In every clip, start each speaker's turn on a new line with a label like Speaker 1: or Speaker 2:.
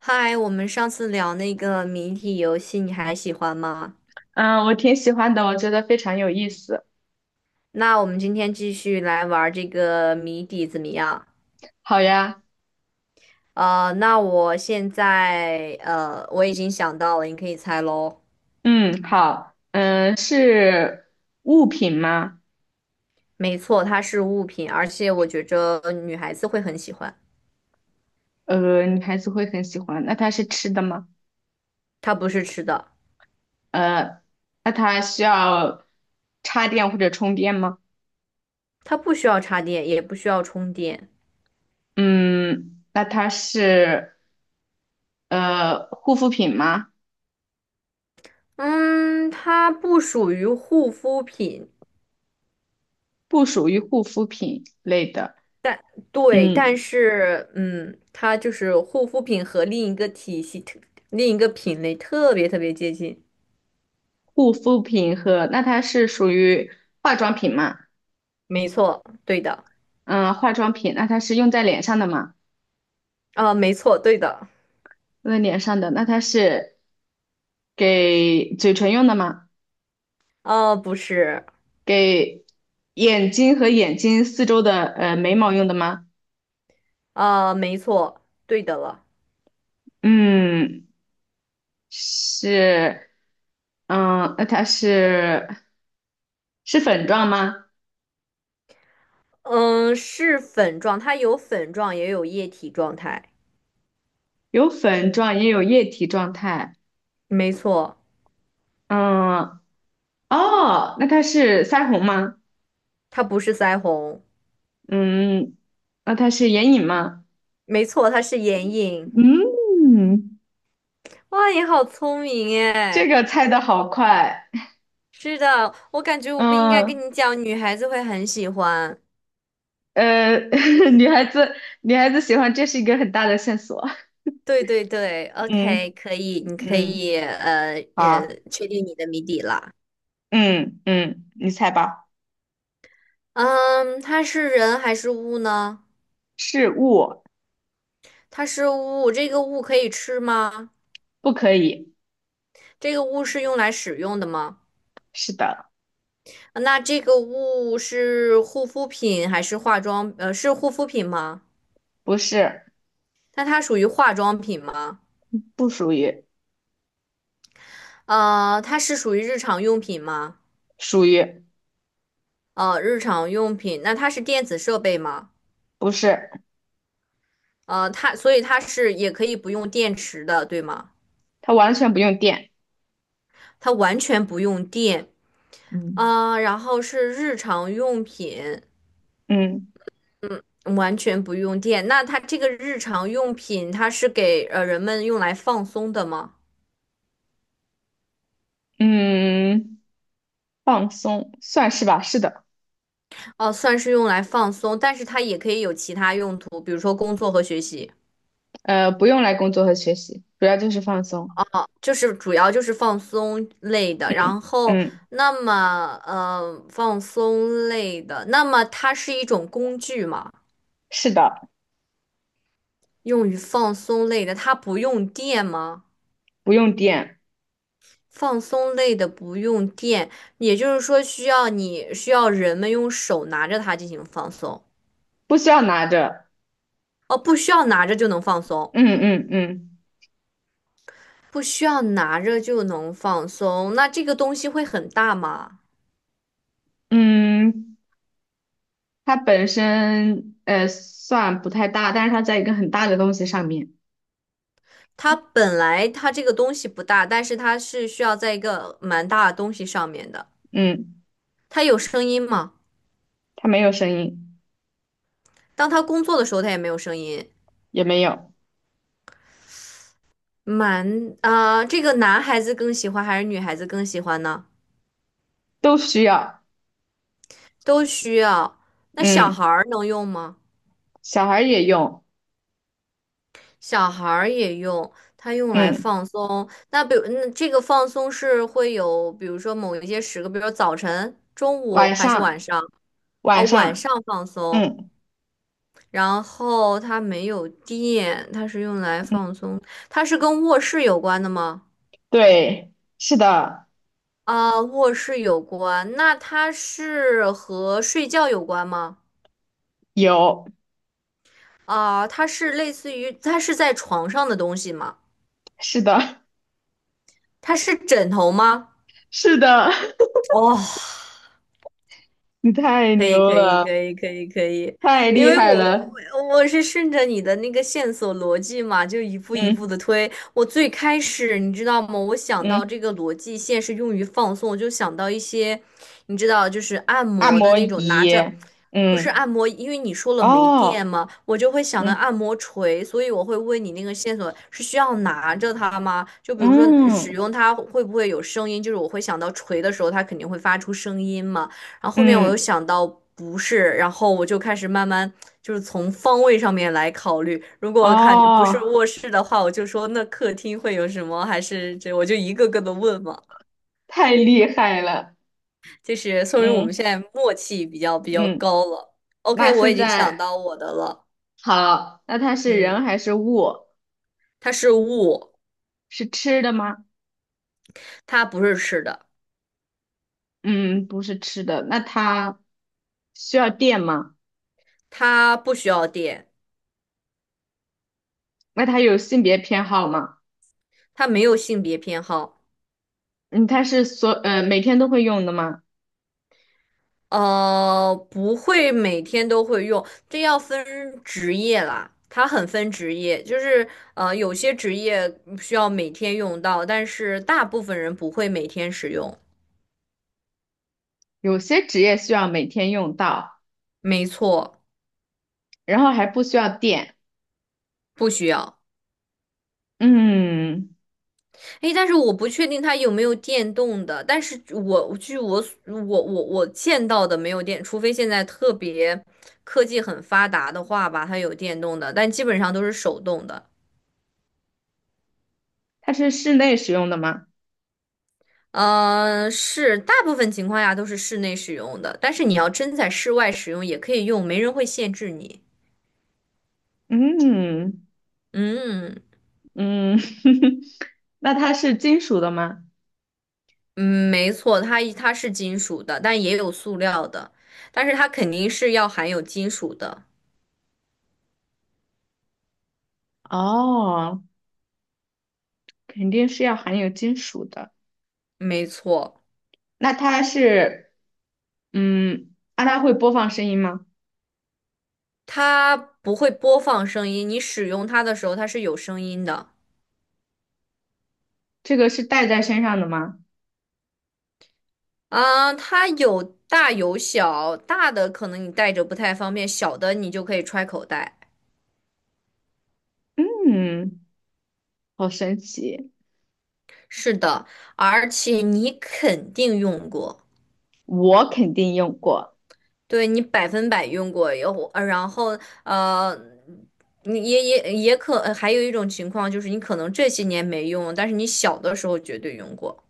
Speaker 1: 嗨，我们上次聊那个谜底游戏，你还喜欢吗？
Speaker 2: 嗯，我挺喜欢的，我觉得非常有意思。
Speaker 1: 那我们今天继续来玩儿这个谜底，怎么样？
Speaker 2: 好呀。
Speaker 1: 那我现在,我已经想到了，你可以猜喽。
Speaker 2: 嗯，好。嗯，是物品吗？
Speaker 1: 没错，它是物品，而且我觉着女孩子会很喜欢。
Speaker 2: 女孩子会很喜欢。那它是吃的吗？
Speaker 1: 它不是吃的，
Speaker 2: 呃，那它需要插电或者充电吗？
Speaker 1: 它不需要插电，也不需要充电。
Speaker 2: 嗯，那它是护肤品吗？
Speaker 1: 嗯，它不属于护肤品。
Speaker 2: 不属于护肤品类的。
Speaker 1: 对，但
Speaker 2: 嗯，
Speaker 1: 是嗯，它就是护肤品和另一个体系、另一个品类特别接近。
Speaker 2: 护肤品和那它是属于化妆品吗？
Speaker 1: 没错，对的，
Speaker 2: 嗯，化妆品，那它是用在脸上的吗？
Speaker 1: 没错，对的，
Speaker 2: 用在脸上的，那它是给嘴唇用的吗？
Speaker 1: 不是，
Speaker 2: 给眼睛和眼睛四周的眉毛用的吗？
Speaker 1: 没错，对的了，
Speaker 2: 嗯，是。嗯，那它是粉状吗？
Speaker 1: 嗯，是粉状，它有粉状也有液体状态，
Speaker 2: 有粉状，也有液体状态。
Speaker 1: 没错，
Speaker 2: 嗯，哦，那它是腮红吗？
Speaker 1: 它不是腮红，
Speaker 2: 嗯，那它是眼影吗？
Speaker 1: 没错，它是眼影。
Speaker 2: 嗯，
Speaker 1: 哇，你好聪明
Speaker 2: 这
Speaker 1: 哎！
Speaker 2: 个猜的好快。
Speaker 1: 是的，我感觉我不应该跟
Speaker 2: 嗯，
Speaker 1: 你讲，女孩子会很喜欢。
Speaker 2: 呃，女孩子，女孩子喜欢，这是一个很大的线索。
Speaker 1: 对对对
Speaker 2: 嗯
Speaker 1: ，OK，可以，你可
Speaker 2: 嗯，
Speaker 1: 以呃
Speaker 2: 好。
Speaker 1: 也确定你的谜底了。
Speaker 2: 嗯嗯，你猜吧。
Speaker 1: 嗯，它是人还是物呢？
Speaker 2: 是物。
Speaker 1: 它是物，这个物可以吃吗？
Speaker 2: 不可以。
Speaker 1: 这个物是用来使用的吗？
Speaker 2: 是的。
Speaker 1: 那这个物是护肤品还是化妆？呃，是护肤品吗？
Speaker 2: 不是。
Speaker 1: 那它属于化妆品吗？
Speaker 2: 不属于。
Speaker 1: 它是属于日常用品吗？
Speaker 2: 属于。
Speaker 1: 日常用品，那它是电子设备吗？
Speaker 2: 不是。
Speaker 1: 所以它是也可以不用电池的，对吗？
Speaker 2: 它完全不用电。
Speaker 1: 它完全不用电，
Speaker 2: 嗯，
Speaker 1: 啊，然后是日常用品，
Speaker 2: 嗯
Speaker 1: 完全不用电。那它这个日常用品，它是给人们用来放松的吗？
Speaker 2: 嗯，放松，算是吧，是的。
Speaker 1: 哦，算是用来放松，但是它也可以有其他用途，比如说工作和学习，
Speaker 2: 不用来工作和学习，主要就是放松。
Speaker 1: 就是主要就是放松类的。
Speaker 2: 嗯
Speaker 1: 然后，
Speaker 2: 嗯，
Speaker 1: 那么,放松类的，那么它是一种工具吗？
Speaker 2: 是的，
Speaker 1: 用于放松类的，它不用电吗？
Speaker 2: 不用电，
Speaker 1: 放松类的不用电，也就是说需要人们用手拿着它进行放松。
Speaker 2: 不需要拿着。
Speaker 1: 哦，不需要拿着就能放松，
Speaker 2: 嗯嗯嗯
Speaker 1: 不需要拿着就能放松。那这个东西会很大吗？
Speaker 2: 嗯，它本身算不太大，但是它在一个很大的东西上面。
Speaker 1: 它本来这个东西不大，但是它是需要在一个蛮大的东西上面的。
Speaker 2: 嗯，
Speaker 1: 它有声音吗？
Speaker 2: 它没有声音，
Speaker 1: 当它工作的时候，它也没有声音。
Speaker 2: 也没有。
Speaker 1: 蛮啊，这个男孩子更喜欢还是女孩子更喜欢呢？
Speaker 2: 都需要。
Speaker 1: 都需要。那小孩
Speaker 2: 嗯，
Speaker 1: 儿能用吗？
Speaker 2: 小孩儿也用。
Speaker 1: 小孩儿也用，它用来
Speaker 2: 嗯，
Speaker 1: 放松。那比如，那这个放松是会有，比如说某一些时刻，比如说早晨、中午
Speaker 2: 晚
Speaker 1: 还是
Speaker 2: 上
Speaker 1: 晚上？哦，
Speaker 2: 晚
Speaker 1: 晚
Speaker 2: 上。
Speaker 1: 上放松。
Speaker 2: 嗯，
Speaker 1: 然后它没有电，它是用来放松。它是跟卧室有关的吗？
Speaker 2: 对，是的，
Speaker 1: 啊，卧室有关。那它是和睡觉有关吗？
Speaker 2: 有，
Speaker 1: 啊，它是类似于，它是在床上的东西吗？
Speaker 2: 是的。
Speaker 1: 它是枕头吗？
Speaker 2: 是的。
Speaker 1: 哦，
Speaker 2: 你太
Speaker 1: 可以
Speaker 2: 牛
Speaker 1: 可以
Speaker 2: 了，
Speaker 1: 可以可以可以，
Speaker 2: 太
Speaker 1: 因
Speaker 2: 厉
Speaker 1: 为我
Speaker 2: 害
Speaker 1: 我
Speaker 2: 了。
Speaker 1: 我是顺着你的那个线索逻辑嘛，就一步一步
Speaker 2: 嗯
Speaker 1: 的推。我最开始你知道吗？我想到
Speaker 2: 嗯，
Speaker 1: 这个逻辑线是用于放松，我就想到一些，你知道，就是按
Speaker 2: 按
Speaker 1: 摩的
Speaker 2: 摩
Speaker 1: 那种拿
Speaker 2: 仪。
Speaker 1: 着，不是
Speaker 2: 嗯，
Speaker 1: 按摩，因为你说了没电
Speaker 2: 哦，
Speaker 1: 嘛，我就会想到
Speaker 2: 嗯
Speaker 1: 按摩锤，所以我会问你那个线索是需要拿着它吗？就比如说使
Speaker 2: 嗯
Speaker 1: 用它会不会有声音，就是我会想到锤的时候它肯定会发出声音嘛。然后后面我又
Speaker 2: 嗯。
Speaker 1: 想到不是，然后我就开始慢慢就是从方位上面来考虑，如果看不是
Speaker 2: 哦。
Speaker 1: 卧室的话，我就说那客厅会有什么，还是这我就一个个的问嘛，
Speaker 2: 太厉害了。
Speaker 1: 就是说明我们
Speaker 2: 嗯
Speaker 1: 现在默契比较
Speaker 2: 嗯，
Speaker 1: 高了。OK，
Speaker 2: 那
Speaker 1: 我
Speaker 2: 现
Speaker 1: 已经想
Speaker 2: 在
Speaker 1: 到我的了，
Speaker 2: 好，那它是
Speaker 1: 嗯，
Speaker 2: 人还是物？
Speaker 1: 它是物，
Speaker 2: 是吃的吗？
Speaker 1: 它不是吃的，
Speaker 2: 嗯，不是吃的。那它需要电吗？
Speaker 1: 它不需要电，
Speaker 2: 那它有性别偏好吗？
Speaker 1: 它没有性别偏好。
Speaker 2: 嗯，它是每天都会用的吗？
Speaker 1: 不会每天都会用，这要分职业啦。它很分职业，就是,有些职业需要每天用到，但是大部分人不会每天使用。
Speaker 2: 有些职业需要每天用到，
Speaker 1: 没错，
Speaker 2: 然后还不需要电。
Speaker 1: 不需要。
Speaker 2: 嗯，
Speaker 1: 诶，但是我不确定它有没有电动的，但是我据我所我我我见到的没有电，除非现在特别科技很发达的话吧，它有电动的，但基本上都是手动的。
Speaker 2: 它是室内使用的吗？
Speaker 1: 呃，是大部分情况下都是室内使用的，但是你要真在室外使用也可以用，没人会限制你。
Speaker 2: 嗯
Speaker 1: 嗯
Speaker 2: 嗯，那它是金属的吗？
Speaker 1: 嗯，没错，它是金属的，但也有塑料的，但是它肯定是要含有金属的。
Speaker 2: 哦，肯定是要含有金属的。
Speaker 1: 没错，
Speaker 2: 那它是，嗯，那它会播放声音吗？
Speaker 1: 它不会播放声音，你使用它的时候它是有声音的。
Speaker 2: 这个是戴在身上的吗？
Speaker 1: 啊，它有大有小，大的可能你带着不太方便，小的你就可以揣口袋。
Speaker 2: 嗯，好神奇，
Speaker 1: 是的，而且你肯定用过。
Speaker 2: 我肯定用过。
Speaker 1: 对你百分百用过，然后呃，你也可，还有一种情况就是你可能这些年没用，但是你小的时候绝对用过。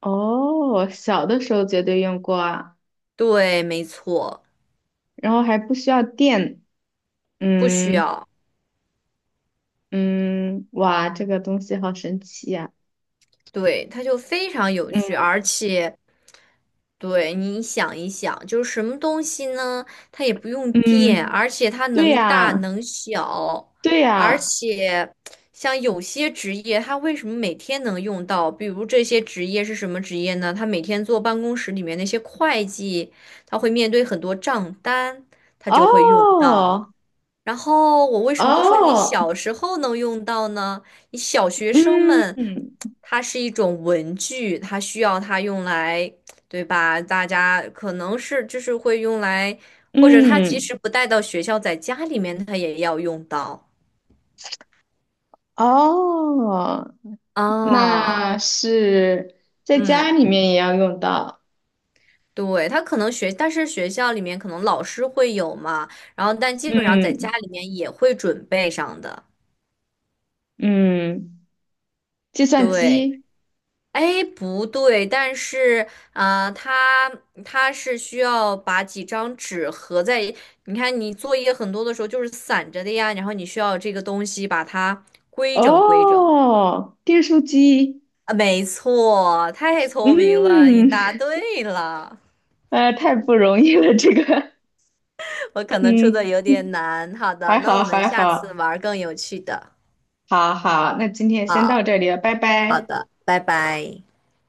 Speaker 2: 哦，小的时候绝对用过啊，
Speaker 1: 对，没错，
Speaker 2: 然后还不需要电。
Speaker 1: 不需
Speaker 2: 嗯
Speaker 1: 要。
Speaker 2: 嗯，哇，这个东西好神奇呀。
Speaker 1: 对，它就非常有趣，
Speaker 2: 嗯
Speaker 1: 而且对，你想一想，就是什么东西呢？它也不用电，
Speaker 2: 嗯，
Speaker 1: 而且它
Speaker 2: 对
Speaker 1: 能大
Speaker 2: 呀，
Speaker 1: 能小，
Speaker 2: 对
Speaker 1: 而
Speaker 2: 呀。
Speaker 1: 且像有些职业，它为什么每天能用到？比如这些职业是什么职业呢？他每天坐办公室里面那些会计，他会面对很多账单，他就会用
Speaker 2: 哦
Speaker 1: 到。然后我为什么说你
Speaker 2: 哦，
Speaker 1: 小时候能用到呢？你小学生们，
Speaker 2: 嗯
Speaker 1: 它是一种文具，它需要它用来，对吧？大家可能是就是会用来，或者他即
Speaker 2: 嗯
Speaker 1: 使不带到学校，在家里面他也要用到
Speaker 2: 哦。
Speaker 1: 啊。
Speaker 2: 那是在
Speaker 1: 嗯，
Speaker 2: 家里面也要用到。
Speaker 1: 对，他可能学，但是学校里面可能老师会有嘛，然后但基本上在家
Speaker 2: 嗯
Speaker 1: 里面也会准备上的，
Speaker 2: 嗯，计算
Speaker 1: 对。
Speaker 2: 机。
Speaker 1: 哎，不对，但是，它它是需要把几张纸合在一你看你作业很多的时候就是散着的呀，然后你需要这个东西把它规整。
Speaker 2: 哦，订书机。
Speaker 1: 啊，没错，太聪明了，你
Speaker 2: 嗯，
Speaker 1: 答对了。
Speaker 2: 太不容易了，这个。
Speaker 1: 我可能出的
Speaker 2: 嗯，
Speaker 1: 有点难，好的，
Speaker 2: 还
Speaker 1: 那我
Speaker 2: 好
Speaker 1: 们
Speaker 2: 还
Speaker 1: 下次
Speaker 2: 好，
Speaker 1: 玩儿更有趣的。
Speaker 2: 好好，那今天先到
Speaker 1: 好，
Speaker 2: 这里了，拜
Speaker 1: 好
Speaker 2: 拜。
Speaker 1: 的，拜拜。